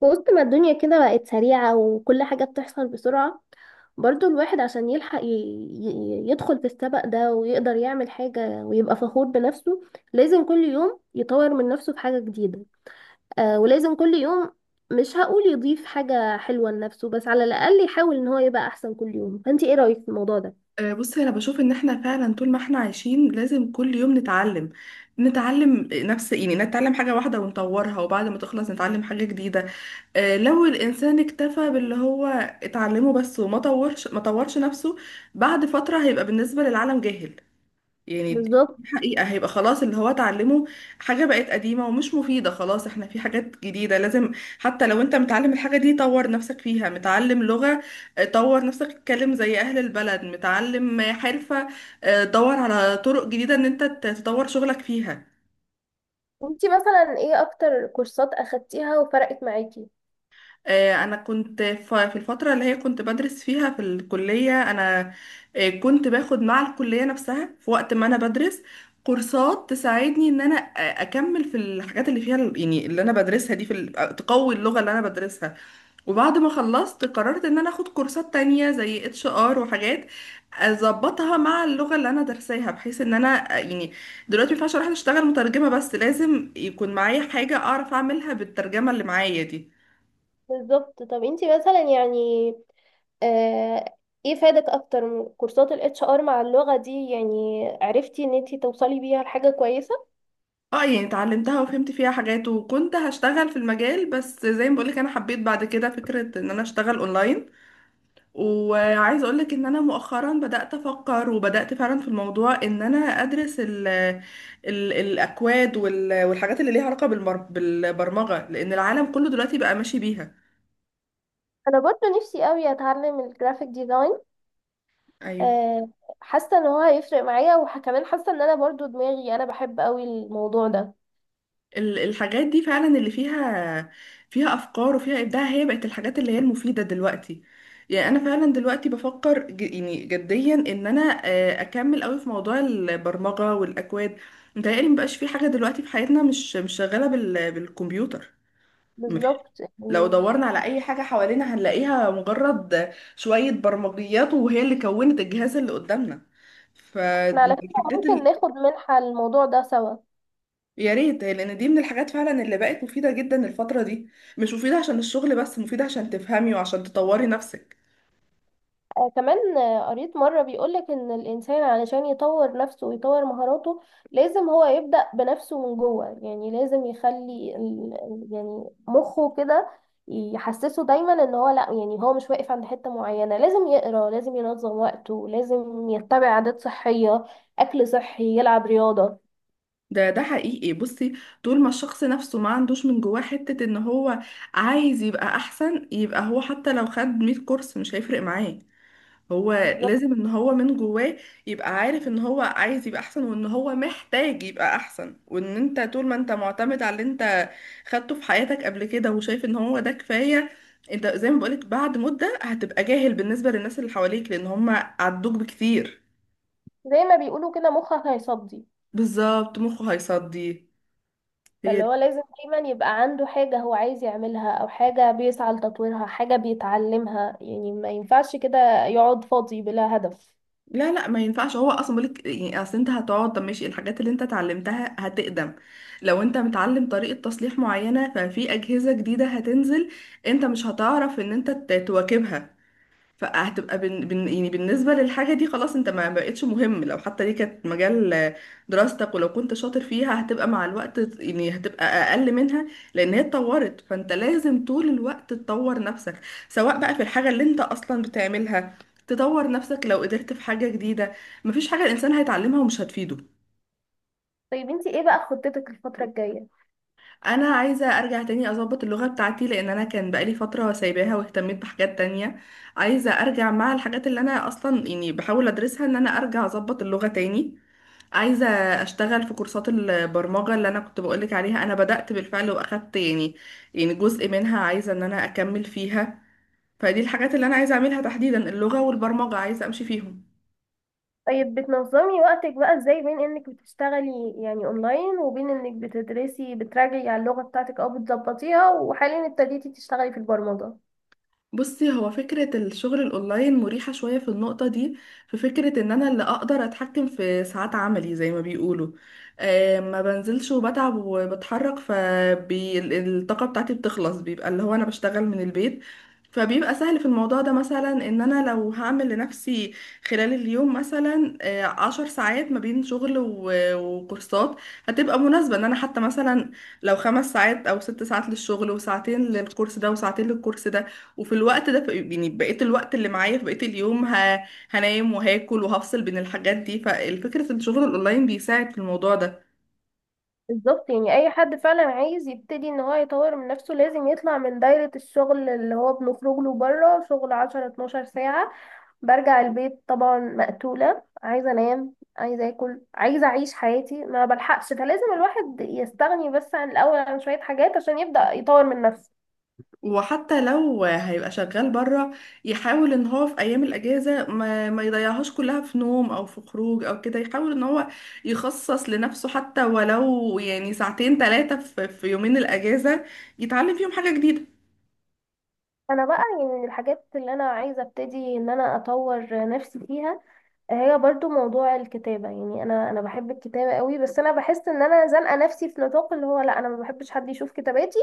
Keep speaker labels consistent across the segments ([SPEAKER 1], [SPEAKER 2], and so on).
[SPEAKER 1] في وسط ما الدنيا كده بقت سريعة، وكل حاجة بتحصل بسرعة. برضو الواحد عشان يلحق يدخل في السبق ده ويقدر يعمل حاجة ويبقى فخور بنفسه، لازم كل يوم يطور من نفسه في حاجة جديدة. ولازم كل يوم، مش هقول يضيف حاجة حلوة لنفسه، بس على الأقل يحاول إن هو يبقى أحسن كل يوم. فأنت إيه رأيك في الموضوع ده؟
[SPEAKER 2] بصي، انا بشوف ان احنا فعلا طول ما احنا عايشين لازم كل يوم نتعلم نفس، يعني نتعلم حاجة واحدة ونطورها، وبعد ما تخلص نتعلم حاجة جديدة. لو الانسان اكتفى باللي هو اتعلمه بس وما طورش ما طورش نفسه، بعد فترة هيبقى بالنسبة للعالم جاهل. يعني دي
[SPEAKER 1] بالظبط.
[SPEAKER 2] حقيقة، هيبقى خلاص اللي هو اتعلمه حاجة بقت قديمة ومش مفيدة. خلاص احنا في حاجات جديدة لازم، حتى لو انت متعلم الحاجة دي طور نفسك فيها. متعلم لغة، اه، طور نفسك تتكلم زي اهل البلد. متعلم حرفة، اه، دور على طرق جديدة ان انت تطور شغلك فيها.
[SPEAKER 1] انتي مثلا ايه اكتر كورسات اخدتيها وفرقت معاكي؟
[SPEAKER 2] انا كنت في الفتره اللي هي كنت بدرس فيها في الكليه، انا كنت باخد مع الكليه نفسها في وقت ما انا بدرس كورسات تساعدني ان انا اكمل في الحاجات اللي فيها يعني اللي انا بدرسها دي، في تقوي اللغه اللي انا بدرسها. وبعد ما خلصت قررت ان انا اخد كورسات تانية زي HR، وحاجات اظبطها مع اللغه اللي انا درساها، بحيث ان انا يعني دلوقتي ما ينفعش اروح اشتغل مترجمه بس، لازم يكون معايا حاجه اعرف اعملها بالترجمه اللي معايا دي.
[SPEAKER 1] بالظبط. طب انتي مثلا، يعني، آه، ايه فادك اكتر كورسات الاتش ار مع اللغة دي؟ يعني عرفتي ان انتي توصلي بيها لحاجة كويسة.
[SPEAKER 2] اه يعني اتعلمتها وفهمت فيها حاجات، وكنت هشتغل في المجال، بس زي ما بقولك انا حبيت بعد كده فكرة ان انا اشتغل اونلاين. وعايزة اقولك ان انا مؤخرا بدأت افكر، وبدأت فعلا في الموضوع ان انا ادرس ال الاكواد والحاجات اللي ليها علاقة بالبرمجة، لان العالم كله دلوقتي بقى ماشي بيها.
[SPEAKER 1] انا برضو نفسي قوي اتعلم الجرافيك ديزاين.
[SPEAKER 2] ايوه،
[SPEAKER 1] آه، حاسة ان هو هيفرق معايا، وكمان حاسة ان انا برضو دماغي انا بحب قوي الموضوع ده.
[SPEAKER 2] الحاجات دي فعلا اللي فيها، فيها افكار وفيها ابداع، هي بقت الحاجات اللي هي المفيده دلوقتي. يعني انا فعلا دلوقتي بفكر يعني جديا ان انا اكمل قوي في موضوع البرمجه والاكواد. متهيألي مبقاش في حاجه دلوقتي في حياتنا مش شغاله بالكمبيوتر. مفيش،
[SPEAKER 1] بالظبط
[SPEAKER 2] لو
[SPEAKER 1] يعني.
[SPEAKER 2] دورنا على اي حاجه حوالينا هنلاقيها مجرد شويه برمجيات، وهي اللي كونت الجهاز اللي قدامنا. ف-
[SPEAKER 1] احنا على فكرة ممكن ناخد منحة الموضوع ده سوا.
[SPEAKER 2] يا ريت، لان دي من الحاجات فعلا اللي بقت مفيدة جدا الفترة دي. مش مفيدة عشان الشغل بس، مفيدة عشان تفهمي وعشان تطوري نفسك.
[SPEAKER 1] آه كمان، قريت مرة بيقولك إن الإنسان علشان يطور نفسه ويطور مهاراته، لازم هو يبدأ بنفسه من جوه. يعني لازم يخلي يعني مخه كده يحسسه دايما إن هو لأ، يعني هو مش واقف عند حتة معينة. لازم يقرأ، لازم ينظم وقته، لازم يتبع عادات صحية، أكل صحي، يلعب رياضة.
[SPEAKER 2] ده حقيقي، بصي، طول ما الشخص نفسه ما عندوش من جواه حتة ان هو عايز يبقى احسن، يبقى هو حتى لو خد 100 كورس مش هيفرق معاه. هو
[SPEAKER 1] بالظبط.
[SPEAKER 2] لازم ان هو من جواه يبقى عارف ان هو عايز يبقى احسن، وان هو محتاج يبقى احسن. وان انت طول ما انت معتمد على اللي انت خدته في حياتك قبل كده، وشايف ان هو ده كفاية، انت زي ما بقولك بعد مدة هتبقى جاهل بالنسبة للناس اللي حواليك، لان هم عدوك بكتير.
[SPEAKER 1] زي ما بيقولوا كده، مخك هيصدي.
[SPEAKER 2] بالظبط، مخه هيصدي. هي
[SPEAKER 1] فاللي هو لازم دايما يبقى عنده حاجة هو عايز يعملها، أو حاجة بيسعى لتطويرها، حاجة بيتعلمها. يعني ما ينفعش كده يقعد فاضي بلا هدف.
[SPEAKER 2] لا لا، ما ينفعش. هو اصلا بقولك يعني، اصل انت هتقعد. طب ماشي، الحاجات اللي انت اتعلمتها هتقدم. لو انت متعلم طريقة تصليح معينة، ففي اجهزة جديدة هتنزل، انت مش هتعرف ان انت تواكبها. فهتبقى يعني بالنسبة للحاجة دي خلاص انت ما بقتش مهم، لو حتى دي كانت مجال دراستك، ولو كنت شاطر فيها هتبقى مع الوقت يعني هتبقى أقل منها، لأن هي اتطورت. فانت لازم طول الوقت تطور نفسك، سواء بقى في الحاجة اللي انت أصلا بتعملها تطور نفسك، لو قدرت في حاجة جديدة. مفيش حاجة الإنسان هيتعلمها ومش هتفيده.
[SPEAKER 1] طيب انتي ايه بقى خطتك الفترة الجاية؟
[SPEAKER 2] انا عايزه ارجع تاني اظبط اللغه بتاعتي، لان انا كان بقالي فتره سايباها واهتميت بحاجات تانية. عايزه ارجع مع الحاجات اللي انا اصلا يعني بحاول ادرسها، ان انا ارجع اظبط اللغه تاني. عايزه اشتغل في كورسات البرمجه اللي انا كنت بقولك عليها، انا بدات بالفعل واخدت يعني، يعني جزء منها، عايزه ان انا اكمل فيها. فدي الحاجات اللي انا عايزه اعملها تحديدا، اللغه والبرمجه عايزه امشي فيهم.
[SPEAKER 1] طيب بتنظمي وقتك بقى ازاي بين انك بتشتغلي يعني اونلاين، وبين انك بتدرسي بتراجعي على اللغة بتاعتك او بتظبطيها، وحاليا ابتديتي تشتغلي في البرمجة؟
[SPEAKER 2] بصي، هو فكرة الشغل الأونلاين مريحة شوية في النقطة دي. في فكرة إن أنا اللي أقدر أتحكم في ساعات عملي زي ما بيقولوا. ما بنزلش وبتعب وبتحرك فالطاقة بتاعتي بتخلص، بيبقى اللي هو أنا بشتغل من البيت. فبيبقى سهل في الموضوع ده، مثلا إن أنا لو هعمل لنفسي خلال اليوم مثلا 10 ساعات ما بين شغل وكورسات، هتبقى مناسبة إن أنا حتى مثلا لو خمس ساعات أو ست ساعات للشغل، وساعتين للكورس ده وساعتين للكورس ده، وفي الوقت ده يعني بقيت الوقت اللي معايا في بقية اليوم هنام وهاكل وهفصل بين الحاجات دي. فالفكرة ان الشغل الاونلاين بيساعد في الموضوع ده.
[SPEAKER 1] بالظبط. يعني اي حد فعلا عايز يبتدي ان هو يطور من نفسه، لازم يطلع من دايرة الشغل اللي هو بنخرج له بره، شغل 10 12 ساعة، برجع البيت طبعا مقتولة، عايزة انام، عايزة اكل، عايزة اعيش حياتي، ما بلحقش. فلازم الواحد يستغني بس عن الاول، عن شوية حاجات، عشان يبدأ يطور من نفسه.
[SPEAKER 2] وحتى لو هيبقى شغال بره، يحاول ان هو في ايام الاجازة ما يضيعهاش كلها في نوم او في خروج او كده، يحاول ان هو يخصص لنفسه حتى ولو يعني ساعتين ثلاثة في يومين الاجازة يتعلم فيهم حاجة جديدة.
[SPEAKER 1] انا بقى، يعني، من الحاجات اللي انا عايزة ابتدي ان انا اطور نفسي فيها، هي برضو موضوع الكتابة. يعني انا بحب الكتابة قوي، بس انا بحس ان انا زنقة نفسي في نطاق اللي هو لا انا ما بحبش حد يشوف كتاباتي.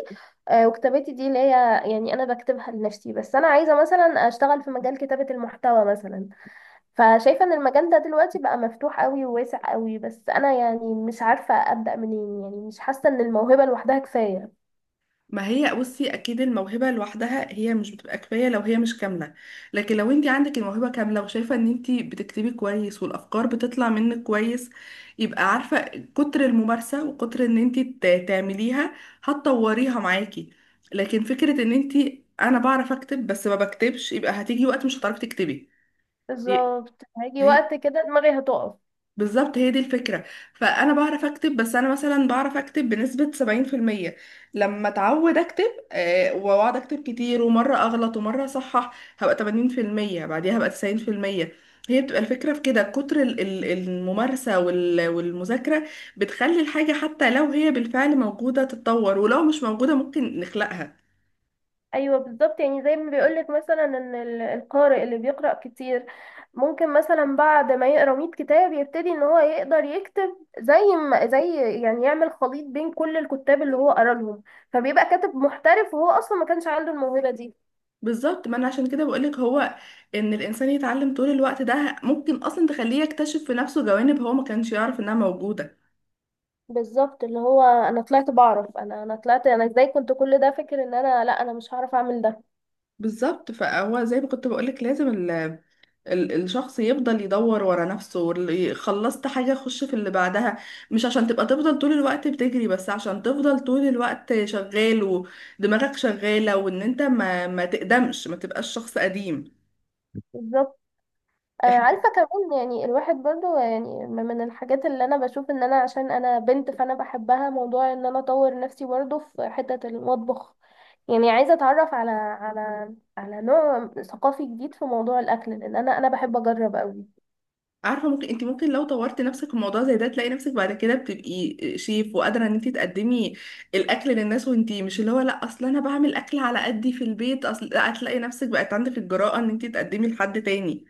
[SPEAKER 1] وكتاباتي دي اللي هي، يعني، انا بكتبها لنفسي. بس انا عايزة مثلا اشتغل في مجال كتابة المحتوى مثلا. فشايفة ان المجال ده دلوقتي بقى مفتوح قوي وواسع قوي، بس انا يعني مش عارفة ابدأ منين. يعني مش حاسة ان الموهبة لوحدها كفاية.
[SPEAKER 2] ما هي بصي اكيد الموهبه لوحدها هي مش بتبقى كفايه لو هي مش كامله. لكن لو انت عندك الموهبه كامله، وشايفه ان انت بتكتبي كويس، والافكار بتطلع منك كويس، يبقى عارفه كتر الممارسه، وكتر ان انت تعمليها هتطوريها معاكي. لكن فكره ان انت انا بعرف اكتب بس ما بكتبش، يبقى هتيجي وقت مش هتعرفي تكتبي.
[SPEAKER 1] بالظبط، هيجي
[SPEAKER 2] هي-
[SPEAKER 1] وقت كده دماغي هتقف.
[SPEAKER 2] بالظبط، هي دي الفكرة. فأنا بعرف أكتب، بس أنا مثلا بعرف أكتب بنسبة 70%. لما أتعود أكتب، وأقعد أكتب كتير ومرة أغلط ومرة أصحح، هبقى 80%، بعديها هبقى 90%. هي بتبقى الفكرة في كده، كتر الممارسة والمذاكرة بتخلي الحاجة حتى لو هي بالفعل موجودة تتطور، ولو مش موجودة ممكن نخلقها.
[SPEAKER 1] ايوه بالظبط. يعني زي ما بيقولك مثلا ان القارئ اللي بيقرأ كتير، ممكن مثلا بعد ما يقرأ 100 كتاب، يبتدي ان هو يقدر يكتب زي ما زي يعني يعمل خليط بين كل الكتاب اللي هو قرأ لهم، فبيبقى كاتب محترف وهو اصلا ما كانش عنده الموهبة دي.
[SPEAKER 2] بالظبط، ما انا عشان كده بقولك، هو ان الانسان يتعلم طول الوقت، ده ممكن اصلا تخليه يكتشف في نفسه جوانب هو ما كانش يعرف انها موجودة.
[SPEAKER 1] بالظبط. اللي هو انا طلعت بعرف، انا طلعت انا ازاي كنت كل ده فاكر ان انا لا انا مش هعرف اعمل ده.
[SPEAKER 2] بالظبط، فهو زي ما كنت بقولك لازم ال الشخص يفضل يدور ورا نفسه، خلصت حاجة خش في اللي بعدها. مش عشان تبقى تفضل طول الوقت بتجري، بس عشان تفضل طول الوقت شغال ودماغك شغالة، وان انت ما تقدمش، ما تبقاش شخص قديم.
[SPEAKER 1] بالظبط.
[SPEAKER 2] احنا
[SPEAKER 1] عارفه كمان، يعني الواحد برضو، يعني، من الحاجات اللي انا بشوف ان انا عشان انا بنت فانا بحبها، موضوع ان انا اطور نفسي برضو في حته المطبخ. يعني عايزه اتعرف على نوع ثقافي جديد في موضوع الاكل، لان انا بحب اجرب قوي.
[SPEAKER 2] عارفة، ممكن انت ممكن لو طورت نفسك في موضوع زي ده، تلاقي نفسك بعد كده بتبقي شيف، وقادرة ان انت تقدمي الاكل للناس، وانت مش اللي هو لا اصل انا بعمل اكل على قدي في البيت، اصل لا، هتلاقي نفسك بقت عندك الجرأة ان انت تقدمي لحد تاني.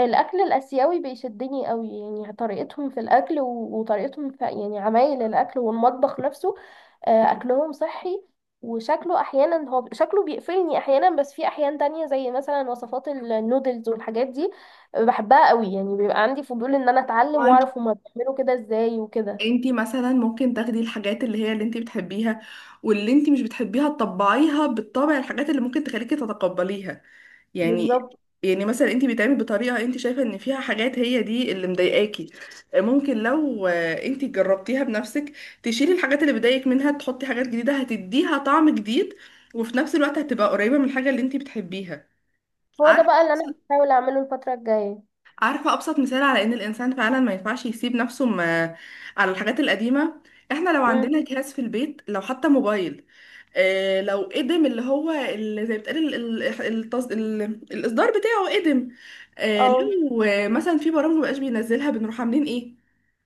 [SPEAKER 1] الاكل الاسيوي بيشدني قوي. يعني طريقتهم في الاكل وطريقتهم في، يعني، عمايل الاكل والمطبخ نفسه. اكلهم صحي، وشكله احيانا، هو شكله بيقفلني احيانا، بس في احيان تانية زي مثلا وصفات النودلز والحاجات دي بحبها قوي. يعني بيبقى عندي فضول ان انا اتعلم
[SPEAKER 2] انت
[SPEAKER 1] واعرف هما بيعملوا كده ازاي وكده.
[SPEAKER 2] انت مثلا ممكن تاخدي الحاجات اللي هي اللي انت بتحبيها، واللي انت مش بتحبيها تطبعيها بالطبع الحاجات اللي ممكن تخليكي تتقبليها. يعني،
[SPEAKER 1] بالظبط.
[SPEAKER 2] يعني مثلا انت بتعملي بطريقه انت شايفه ان فيها حاجات هي دي اللي مضايقاكي، ممكن لو انت جربتيها بنفسك، تشيلي الحاجات اللي بتضايقك منها، تحطي حاجات جديده هتديها طعم جديد، وفي نفس الوقت هتبقى قريبه من الحاجه اللي انت بتحبيها.
[SPEAKER 1] هو ده
[SPEAKER 2] عارفه،
[SPEAKER 1] بقى اللي انا هحاول اعمله الفترة الجاية.
[SPEAKER 2] عارفة أبسط مثال على إن الإنسان فعلا ما ينفعش يسيب نفسه على الحاجات القديمة. إحنا لو
[SPEAKER 1] امم.
[SPEAKER 2] عندنا جهاز في البيت، لو حتى موبايل، لو قدم اللي هو اللي زي ما بتقال الإصدار بتاعه قدم،
[SPEAKER 1] اه،
[SPEAKER 2] لو مثلا في برامج مبقاش بينزلها، بنروح عاملين إيه؟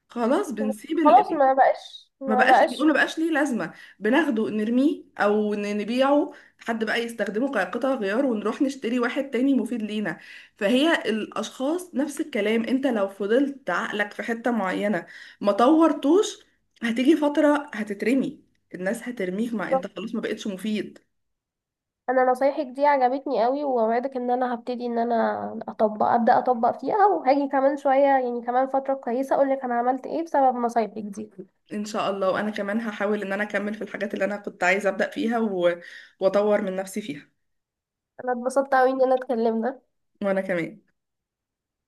[SPEAKER 2] خلاص بنسيب،
[SPEAKER 1] خلاص ما بقاش،
[SPEAKER 2] ما
[SPEAKER 1] ما
[SPEAKER 2] بقاش، بنقول
[SPEAKER 1] بقاش.
[SPEAKER 2] ما بقاش ليه لازمة، بناخده نرميه او نبيعه، حد بقى يستخدمه كقطع غيار، ونروح نشتري واحد تاني مفيد لينا. فهي الاشخاص نفس الكلام، انت لو فضلت عقلك في حتة معينة ما طورتوش، هتيجي فترة هتترمي، الناس هترميك مع انت خلاص ما بقتش مفيد.
[SPEAKER 1] انا نصايحك دي عجبتني قوي، واوعدك ان انا هبتدي ان انا اطبق، ابدا اطبق فيها، وهاجي كمان شويه، يعني كمان فتره كويسه، اقول لك انا عملت ايه بسبب نصايحك دي.
[SPEAKER 2] ان شاء الله، وانا كمان هحاول ان انا اكمل في الحاجات اللي انا كنت عايزة ابدأ فيها واطور من نفسي فيها.
[SPEAKER 1] انا اتبسطت قوي ان انا اتكلمنا.
[SPEAKER 2] وانا كمان.